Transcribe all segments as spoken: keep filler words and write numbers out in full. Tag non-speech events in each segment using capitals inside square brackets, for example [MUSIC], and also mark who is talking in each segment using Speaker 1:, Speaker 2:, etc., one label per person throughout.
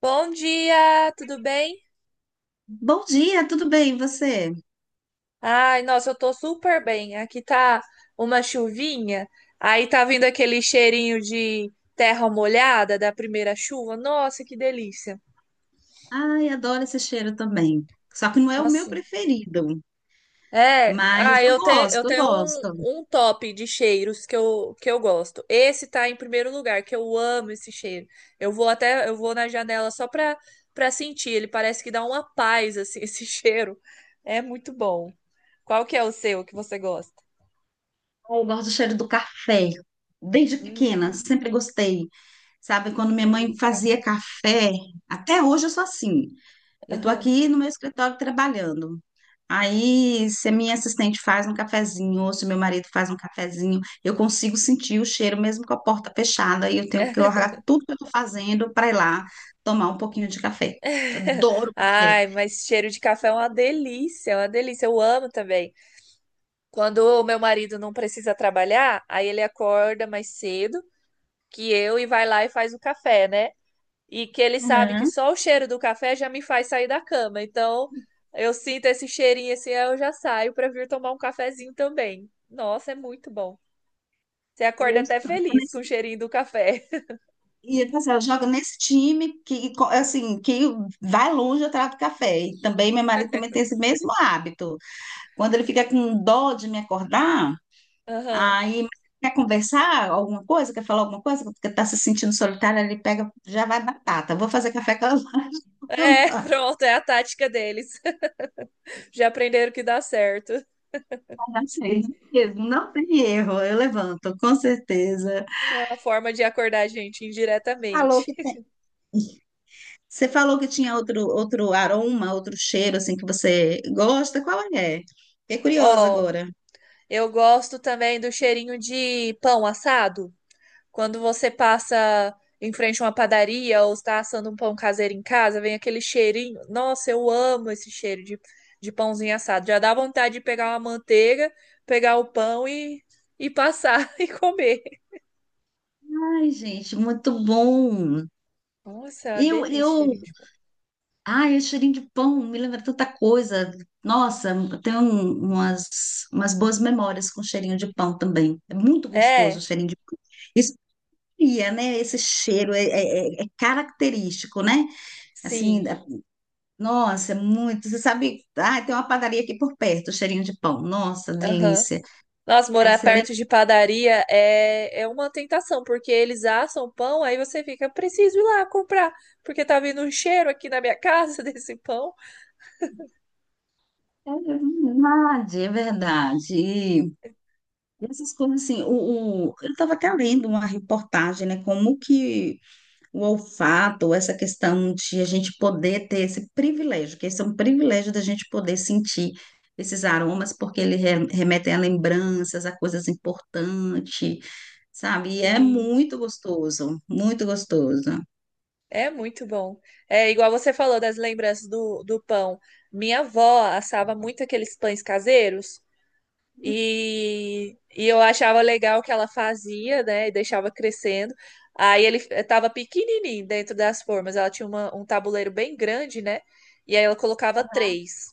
Speaker 1: Bom dia, tudo bem?
Speaker 2: Bom dia, tudo bem, e você?
Speaker 1: Ai, nossa, eu tô super bem. Aqui tá uma chuvinha, aí tá vindo aquele cheirinho de terra molhada da primeira chuva. Nossa, que delícia.
Speaker 2: Ai, adoro esse cheiro também. Só que não é o meu
Speaker 1: Nossa.
Speaker 2: preferido,
Speaker 1: É,
Speaker 2: mas
Speaker 1: ah,
Speaker 2: eu
Speaker 1: eu tenho, eu
Speaker 2: gosto, eu
Speaker 1: tenho um,
Speaker 2: gosto.
Speaker 1: um top de cheiros que eu, que eu gosto. Esse tá em primeiro lugar, que eu amo esse cheiro. Eu vou até, eu vou na janela só pra, pra sentir. Ele parece que dá uma paz, assim, [LAUGHS] esse cheiro. É muito bom. Qual que é o seu que você gosta?
Speaker 2: Eu gosto do cheiro do café. Desde pequena,
Speaker 1: Hum,
Speaker 2: sempre gostei. Sabe, quando minha
Speaker 1: cheirinho
Speaker 2: mãe
Speaker 1: de
Speaker 2: fazia
Speaker 1: café.
Speaker 2: café, até hoje eu sou assim. Eu tô
Speaker 1: Aham.
Speaker 2: aqui no meu escritório trabalhando. Aí, se a minha assistente faz um cafezinho, ou se meu marido faz um cafezinho, eu consigo sentir o cheiro mesmo com a porta fechada e eu tenho que largar tudo que eu estou fazendo para ir lá tomar um pouquinho de café. Adoro
Speaker 1: [LAUGHS]
Speaker 2: café.
Speaker 1: Ai, mas cheiro de café é uma delícia, é uma delícia. Eu amo também. Quando o meu marido não precisa trabalhar, aí ele acorda mais cedo que eu e vai lá e faz o café, né? E que ele sabe que
Speaker 2: Aham.
Speaker 1: só o cheiro do café já me faz sair da cama. Então, eu sinto esse cheirinho assim, aí eu já saio para vir tomar um cafezinho também. Nossa, é muito bom. Você
Speaker 2: E
Speaker 1: acorda
Speaker 2: eu
Speaker 1: até
Speaker 2: estou
Speaker 1: feliz com o
Speaker 2: nesse-
Speaker 1: cheirinho do café.
Speaker 2: e eu, assim, eu jogo nesse time que, co- assim, que vai longe atrás do café. E também, meu marido também tem esse mesmo hábito. Quando ele fica com dó de me acordar,
Speaker 1: [LAUGHS] Aham.
Speaker 2: aí, mas quer conversar alguma coisa? Quer falar alguma coisa? Porque tá se sentindo solitária, ele pega, já vai batata. Vou fazer café com a
Speaker 1: É, [LAUGHS]
Speaker 2: lâmpada. [LAUGHS]
Speaker 1: pronto, é a tática deles. Já aprenderam que dá certo.
Speaker 2: Achei, mesmo, não tem erro, eu levanto, com certeza.
Speaker 1: É uma forma de acordar a gente
Speaker 2: Falou
Speaker 1: indiretamente.
Speaker 2: que tem- Você falou que tinha outro, outro aroma, outro cheiro, assim, que você gosta. Qual é? Fiquei curiosa
Speaker 1: Ó,
Speaker 2: agora.
Speaker 1: eu gosto também do cheirinho de pão assado. Quando você passa em frente a uma padaria ou está assando um pão caseiro em casa, vem aquele cheirinho. Nossa, eu amo esse cheiro de, de pãozinho assado. Já dá vontade de pegar uma manteiga, pegar o pão e, e passar [LAUGHS] e comer.
Speaker 2: Ai, gente, muito bom.
Speaker 1: Nossa, é uma
Speaker 2: Eu,
Speaker 1: delícia o
Speaker 2: eu
Speaker 1: cheirinho de pão.
Speaker 2: Ai, esse cheirinho de pão me lembra tanta coisa. Nossa, eu tenho um- umas, umas boas memórias com cheirinho de pão também. É muito gostoso o
Speaker 1: É,
Speaker 2: cheirinho de pão. Isso cria, né? Esse cheiro é, é- é- é característico, né? Assim,
Speaker 1: sim.
Speaker 2: é- nossa, é muito. Você sabe, ah, tem uma padaria aqui por perto, cheirinho de pão. Nossa,
Speaker 1: Aham.
Speaker 2: delícia.
Speaker 1: Nossa,
Speaker 2: Aí
Speaker 1: morar
Speaker 2: você lembra.
Speaker 1: perto de padaria é, é uma tentação, porque eles assam pão, aí você fica, preciso ir lá comprar, porque tá vindo um cheiro aqui na minha casa [LAUGHS] desse pão.
Speaker 2: É verdade, é verdade. E essas coisas assim, o, o- eu estava até lendo uma reportagem, né? Como que o olfato, essa questão de a gente poder ter esse privilégio, que esse é um privilégio da gente poder sentir esses aromas, porque eles re- remetem a lembranças, a coisas importantes, sabe? E é
Speaker 1: Sim.
Speaker 2: muito gostoso, muito gostoso.
Speaker 1: É muito bom. É igual você falou das lembranças do, do pão. Minha avó assava muito aqueles pães caseiros e, e eu achava legal o que ela fazia, né? E deixava crescendo. Aí ele estava pequenininho dentro das formas. Ela tinha uma- um tabuleiro bem grande, né? E aí ela colocava três,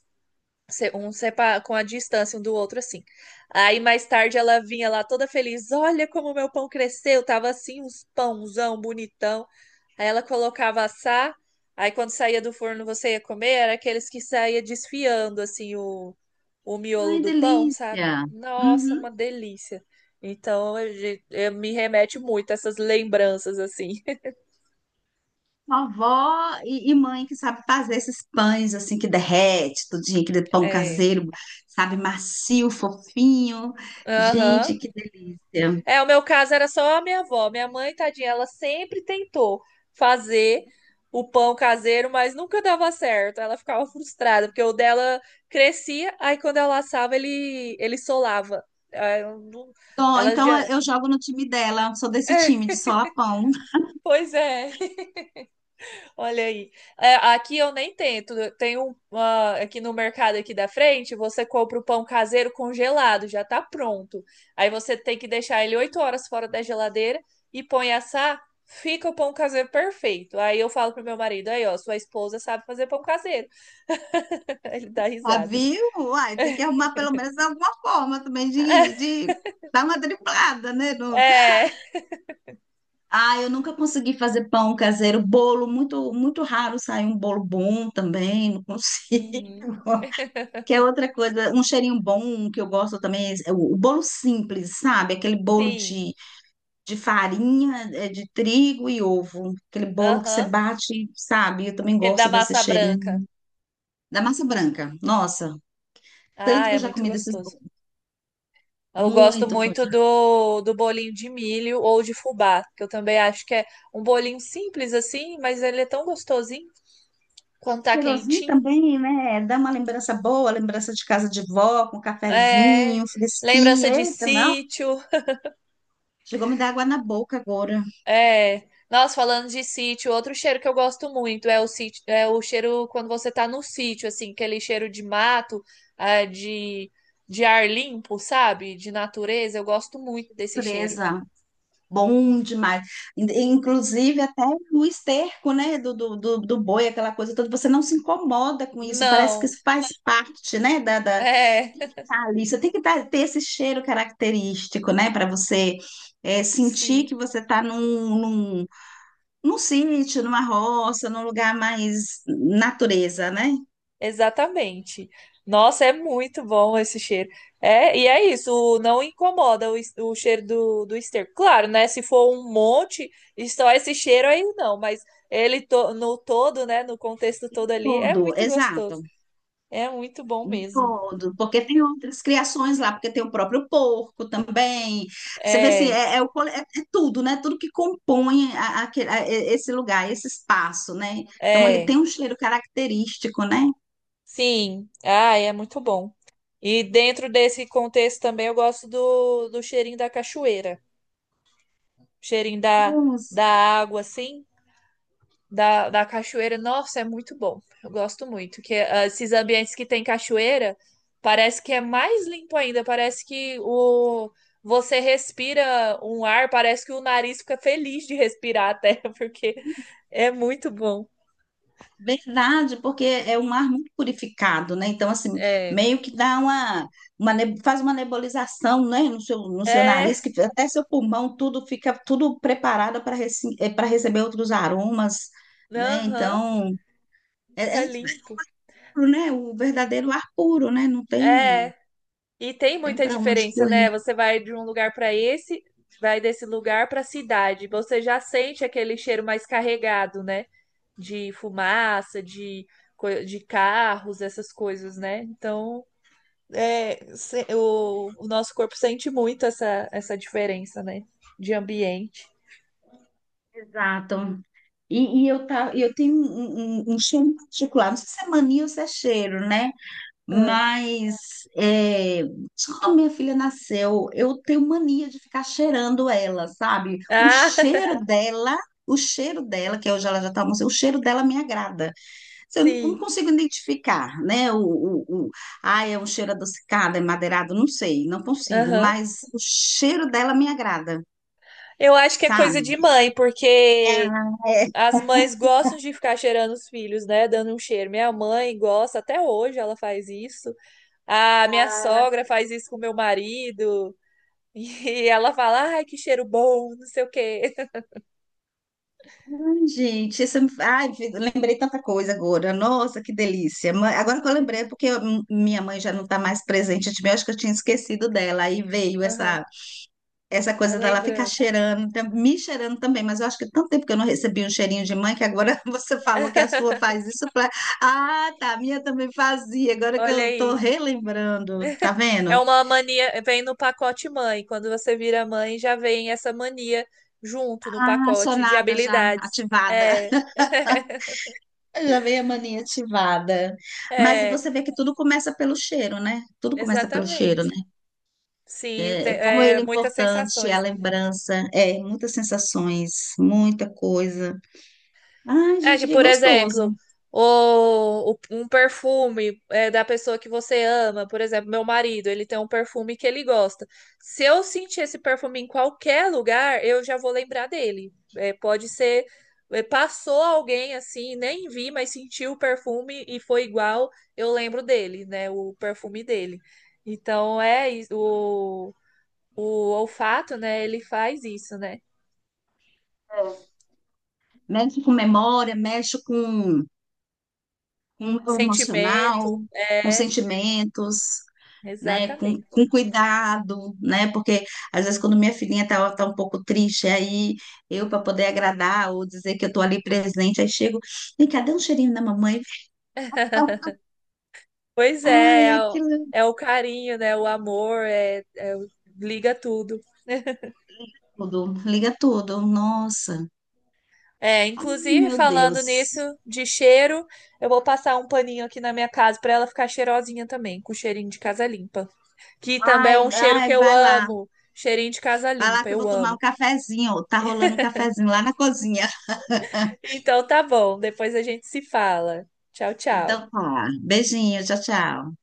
Speaker 1: se- um sepa- com a distância um do outro assim. Aí mais tarde ela vinha lá toda feliz. Olha como meu pão cresceu. Tava assim uns pãozão bonitão. Aí ela colocava assar, aí quando saía do forno você ia comer, era aqueles que saía desfiando assim o, o miolo
Speaker 2: Ai,
Speaker 1: do pão, sabe?
Speaker 2: delícia!
Speaker 1: Nossa,
Speaker 2: Uhum.
Speaker 1: uma delícia. Então, eu, eu- me remete muito a essas lembranças assim. [LAUGHS]
Speaker 2: Vovó e, e mãe que sabe fazer esses pães assim que derrete, tudinho, aquele pão
Speaker 1: É.
Speaker 2: caseiro, sabe, macio, fofinho.
Speaker 1: Aham.
Speaker 2: Gente, que delícia!
Speaker 1: É, o meu caso era só a minha avó. Minha mãe, tadinha, ela sempre tentou fazer o pão caseiro, mas nunca dava certo. Ela ficava frustrada, porque o dela crescia, aí quando ela assava, ele, ele solava. Aí eu não-
Speaker 2: Tô,
Speaker 1: Ela
Speaker 2: então eh,
Speaker 1: já.
Speaker 2: eu jogo no time dela, sou desse time de solapão. [LAUGHS]
Speaker 1: Pois é. Olha aí. É, aqui eu nem tento. Tem um uma- aqui no mercado aqui da frente, você compra o pão caseiro congelado, já tá pronto. Aí você tem que deixar ele oito horas fora da geladeira e põe assar, fica o pão caseiro perfeito. Aí eu falo pro meu marido, aí ó, sua esposa sabe fazer pão caseiro. [LAUGHS] Ele dá
Speaker 2: Ah,
Speaker 1: risada.
Speaker 2: viu? Uai, tem que arrumar pelo menos alguma forma também de,
Speaker 1: [LAUGHS]
Speaker 2: de dar uma driblada, né? No...
Speaker 1: É.
Speaker 2: ah, eu nunca consegui fazer pão caseiro, bolo, muito, muito raro sair um bolo bom também, não consigo.
Speaker 1: Uhum.
Speaker 2: [LAUGHS] Que é outra coisa, um cheirinho bom que eu gosto também, é o, o bolo simples, sabe? Aquele bolo
Speaker 1: Sim.
Speaker 2: de, de farinha, é, de trigo e ovo. Aquele bolo que você
Speaker 1: Aham.
Speaker 2: bate, sabe? Eu também
Speaker 1: Ele dá
Speaker 2: gosto desse
Speaker 1: massa
Speaker 2: cheirinho.
Speaker 1: branca.
Speaker 2: Da massa branca. Nossa, tanto
Speaker 1: Ah,
Speaker 2: que eu
Speaker 1: é
Speaker 2: já
Speaker 1: muito
Speaker 2: comi desses
Speaker 1: gostoso.
Speaker 2: bolos.
Speaker 1: Eu gosto
Speaker 2: Muito com
Speaker 1: muito
Speaker 2: já.
Speaker 1: do, do bolinho de milho ou de fubá, que eu também acho que é um bolinho simples assim, mas ele é tão gostosinho quando tá
Speaker 2: Cheirosinho
Speaker 1: quentinho.
Speaker 2: também, né? Dá uma lembrança boa, lembrança de casa de vó, com
Speaker 1: É,
Speaker 2: cafezinho,
Speaker 1: lembrança
Speaker 2: fresquinho.
Speaker 1: de
Speaker 2: Eita, não.
Speaker 1: sítio.
Speaker 2: Chegou a me dar água na boca agora.
Speaker 1: É, nossa, falando de sítio, outro cheiro que eu gosto muito é o sítio, é o cheiro quando você tá no sítio, assim, aquele cheiro de mato, ah, de, de ar limpo, sabe? De natureza. Eu gosto muito desse cheiro.
Speaker 2: Presa. Bom demais. In- Inclusive, até no esterco, né, do, do, do, do boi, aquela coisa toda, você não se incomoda com isso, parece que
Speaker 1: Não,
Speaker 2: isso faz parte, né, da, da...
Speaker 1: é, [LAUGHS]
Speaker 2: Thalissa, tem que dar- ter esse cheiro característico, né? Para você é, sentir
Speaker 1: sim.
Speaker 2: que você está num, num, num sítio, numa roça, num lugar mais natureza, né?
Speaker 1: Exatamente. Nossa, é muito bom esse cheiro. É, e é isso, o- não incomoda o, es- o cheiro do, do esterco. Claro, né? Se for um monte, e só esse cheiro aí não, mas ele to- no todo, né? No contexto todo ali, é
Speaker 2: Todo,
Speaker 1: muito gostoso.
Speaker 2: exato,
Speaker 1: É muito bom
Speaker 2: um
Speaker 1: mesmo.
Speaker 2: todo, porque tem outras criações lá, porque tem o próprio porco também. Você vê assim,
Speaker 1: É,
Speaker 2: é, é o cole- é- é tudo, né? Tudo que compõe a- aquele- a- e- esse lugar, esse espaço, né? Então ele
Speaker 1: é,
Speaker 2: tem um cheiro característico, né?
Speaker 1: sim. Ah, é muito bom. E dentro desse contexto também eu gosto do, do cheirinho da cachoeira, cheirinho da, da água, assim. da, da cachoeira, nossa, é muito bom. Eu gosto muito. Que ah, esses ambientes que tem cachoeira, parece que é mais limpo ainda. Parece que o você respira um ar, parece que o nariz fica feliz de respirar até, [LAUGHS] porque é muito bom.
Speaker 2: Verdade, porque é um ar muito purificado, né? Então, assim,
Speaker 1: É.
Speaker 2: meio que dá uma, uma ne- faz uma nebulização, né? No seu, no seu nariz,
Speaker 1: É.
Speaker 2: que até seu pulmão, tudo fica tudo preparado para para receber outros aromas, né?
Speaker 1: Aham.
Speaker 2: Então, é, é
Speaker 1: Fica limpo.
Speaker 2: puro, né? O verdadeiro ar puro, né? Não tem,
Speaker 1: É. E tem
Speaker 2: tem
Speaker 1: muita
Speaker 2: para onde
Speaker 1: diferença,
Speaker 2: correr.
Speaker 1: né? Você vai de um lugar para esse, vai desse lugar para a cidade. Você já sente aquele cheiro mais carregado, né? de fumaça, de, de carros, essas coisas, né? Então, é, se- o, o nosso corpo sente muito essa, essa diferença, né? De ambiente.
Speaker 2: Exato. E, e eu, tá, eu tenho um, um, um cheiro particular, não sei se é mania ou se é cheiro, né?
Speaker 1: Ah,
Speaker 2: Mas é, quando minha filha nasceu, eu tenho mania de ficar cheirando ela, sabe? O
Speaker 1: Ah, [LAUGHS]
Speaker 2: cheiro dela, o cheiro dela, que hoje ela já está almoçando, o cheiro dela me agrada. Se eu não não
Speaker 1: sim.
Speaker 2: consigo identificar, né? O, o, o, ah, é um cheiro adocicado, é madeirado, não sei, não consigo,
Speaker 1: Aham.
Speaker 2: mas o cheiro dela me agrada,
Speaker 1: Eu acho que é coisa
Speaker 2: sabe?
Speaker 1: de mãe, porque as mães gostam de ficar cheirando os filhos, né? Dando um cheiro. Minha mãe gosta, até hoje ela faz isso. A minha sogra faz isso com meu marido. [LAUGHS] E ela fala, ai, que cheiro bom, não sei o quê.
Speaker 2: Ai, gente, isso, ai, vi- lembrei tanta coisa agora. Nossa, que delícia. Ma- Agora que eu lembrei, é
Speaker 1: [LAUGHS]
Speaker 2: porque eu- m- minha mãe já não está mais presente, eu tive- eu acho que eu tinha esquecido dela. Aí veio
Speaker 1: Aham,
Speaker 2: essa, essa
Speaker 1: a
Speaker 2: coisa dela ficar
Speaker 1: lembrança.
Speaker 2: cheirando, tam- me cheirando também, mas eu acho que tanto tempo que eu não recebi um cheirinho de mãe que agora [LAUGHS] você falou que a sua
Speaker 1: [LAUGHS]
Speaker 2: faz isso. Eu falei, ah, tá, a minha também fazia. Agora que
Speaker 1: Olha
Speaker 2: eu tô
Speaker 1: aí.
Speaker 2: relembrando, tá
Speaker 1: É
Speaker 2: vendo?
Speaker 1: uma mania, vem no pacote mãe. Quando você vira mãe, já vem essa mania junto no
Speaker 2: Ah,
Speaker 1: pacote de
Speaker 2: sonada já
Speaker 1: habilidades.
Speaker 2: ativada.
Speaker 1: É. [LAUGHS]
Speaker 2: Já veio a mania ativada. Mas
Speaker 1: É,
Speaker 2: você vê que tudo começa pelo cheiro, né? Tudo começa pelo cheiro,
Speaker 1: exatamente.
Speaker 2: né?
Speaker 1: Sim, te-
Speaker 2: É, como
Speaker 1: é,
Speaker 2: ele é
Speaker 1: muitas
Speaker 2: importante, a
Speaker 1: sensações, né?
Speaker 2: lembrança, é, muitas sensações, muita coisa. Ai,
Speaker 1: É
Speaker 2: gente,
Speaker 1: que,
Speaker 2: que
Speaker 1: por
Speaker 2: gostoso.
Speaker 1: exemplo, o, o- um perfume é, da pessoa que você ama, por exemplo, meu marido, ele tem um perfume que ele gosta. Se eu sentir esse perfume em qualquer lugar, eu já vou lembrar dele. É, pode ser, é, passou alguém assim, nem vi, mas sentiu o perfume e foi igual, eu lembro dele, né? O perfume dele. Então é isso, o, o olfato, né? Ele faz isso, né?
Speaker 2: Mexe com memória, mexe com, com o emocional,
Speaker 1: Sentimento,
Speaker 2: com
Speaker 1: é,
Speaker 2: sentimentos, né, com,
Speaker 1: exatamente.
Speaker 2: com cuidado, né, porque às vezes quando minha filhinha tá, tá um pouco triste, aí eu para poder agradar ou dizer que eu tô ali presente, aí chego, vem cá, dá um cheirinho na mamãe,
Speaker 1: Pois
Speaker 2: ai,
Speaker 1: é, é o,
Speaker 2: aquilo é
Speaker 1: é o carinho, né? O amor, é, é o- liga tudo.
Speaker 2: tudo, liga tudo, nossa,
Speaker 1: É,
Speaker 2: ai,
Speaker 1: inclusive
Speaker 2: meu
Speaker 1: falando nisso
Speaker 2: Deus,
Speaker 1: de cheiro, eu vou passar um paninho aqui na minha casa para ela ficar cheirosinha também, com cheirinho de casa limpa, que também é
Speaker 2: ai,
Speaker 1: um cheiro que
Speaker 2: ai,
Speaker 1: eu
Speaker 2: vai lá,
Speaker 1: amo, cheirinho de casa
Speaker 2: vai lá
Speaker 1: limpa,
Speaker 2: que eu
Speaker 1: eu
Speaker 2: vou tomar um
Speaker 1: amo.
Speaker 2: cafezinho, tá rolando um cafezinho lá na cozinha,
Speaker 1: Então tá bom, depois a gente se fala. Tchau,
Speaker 2: então
Speaker 1: tchau.
Speaker 2: tá, beijinho, tchau, tchau.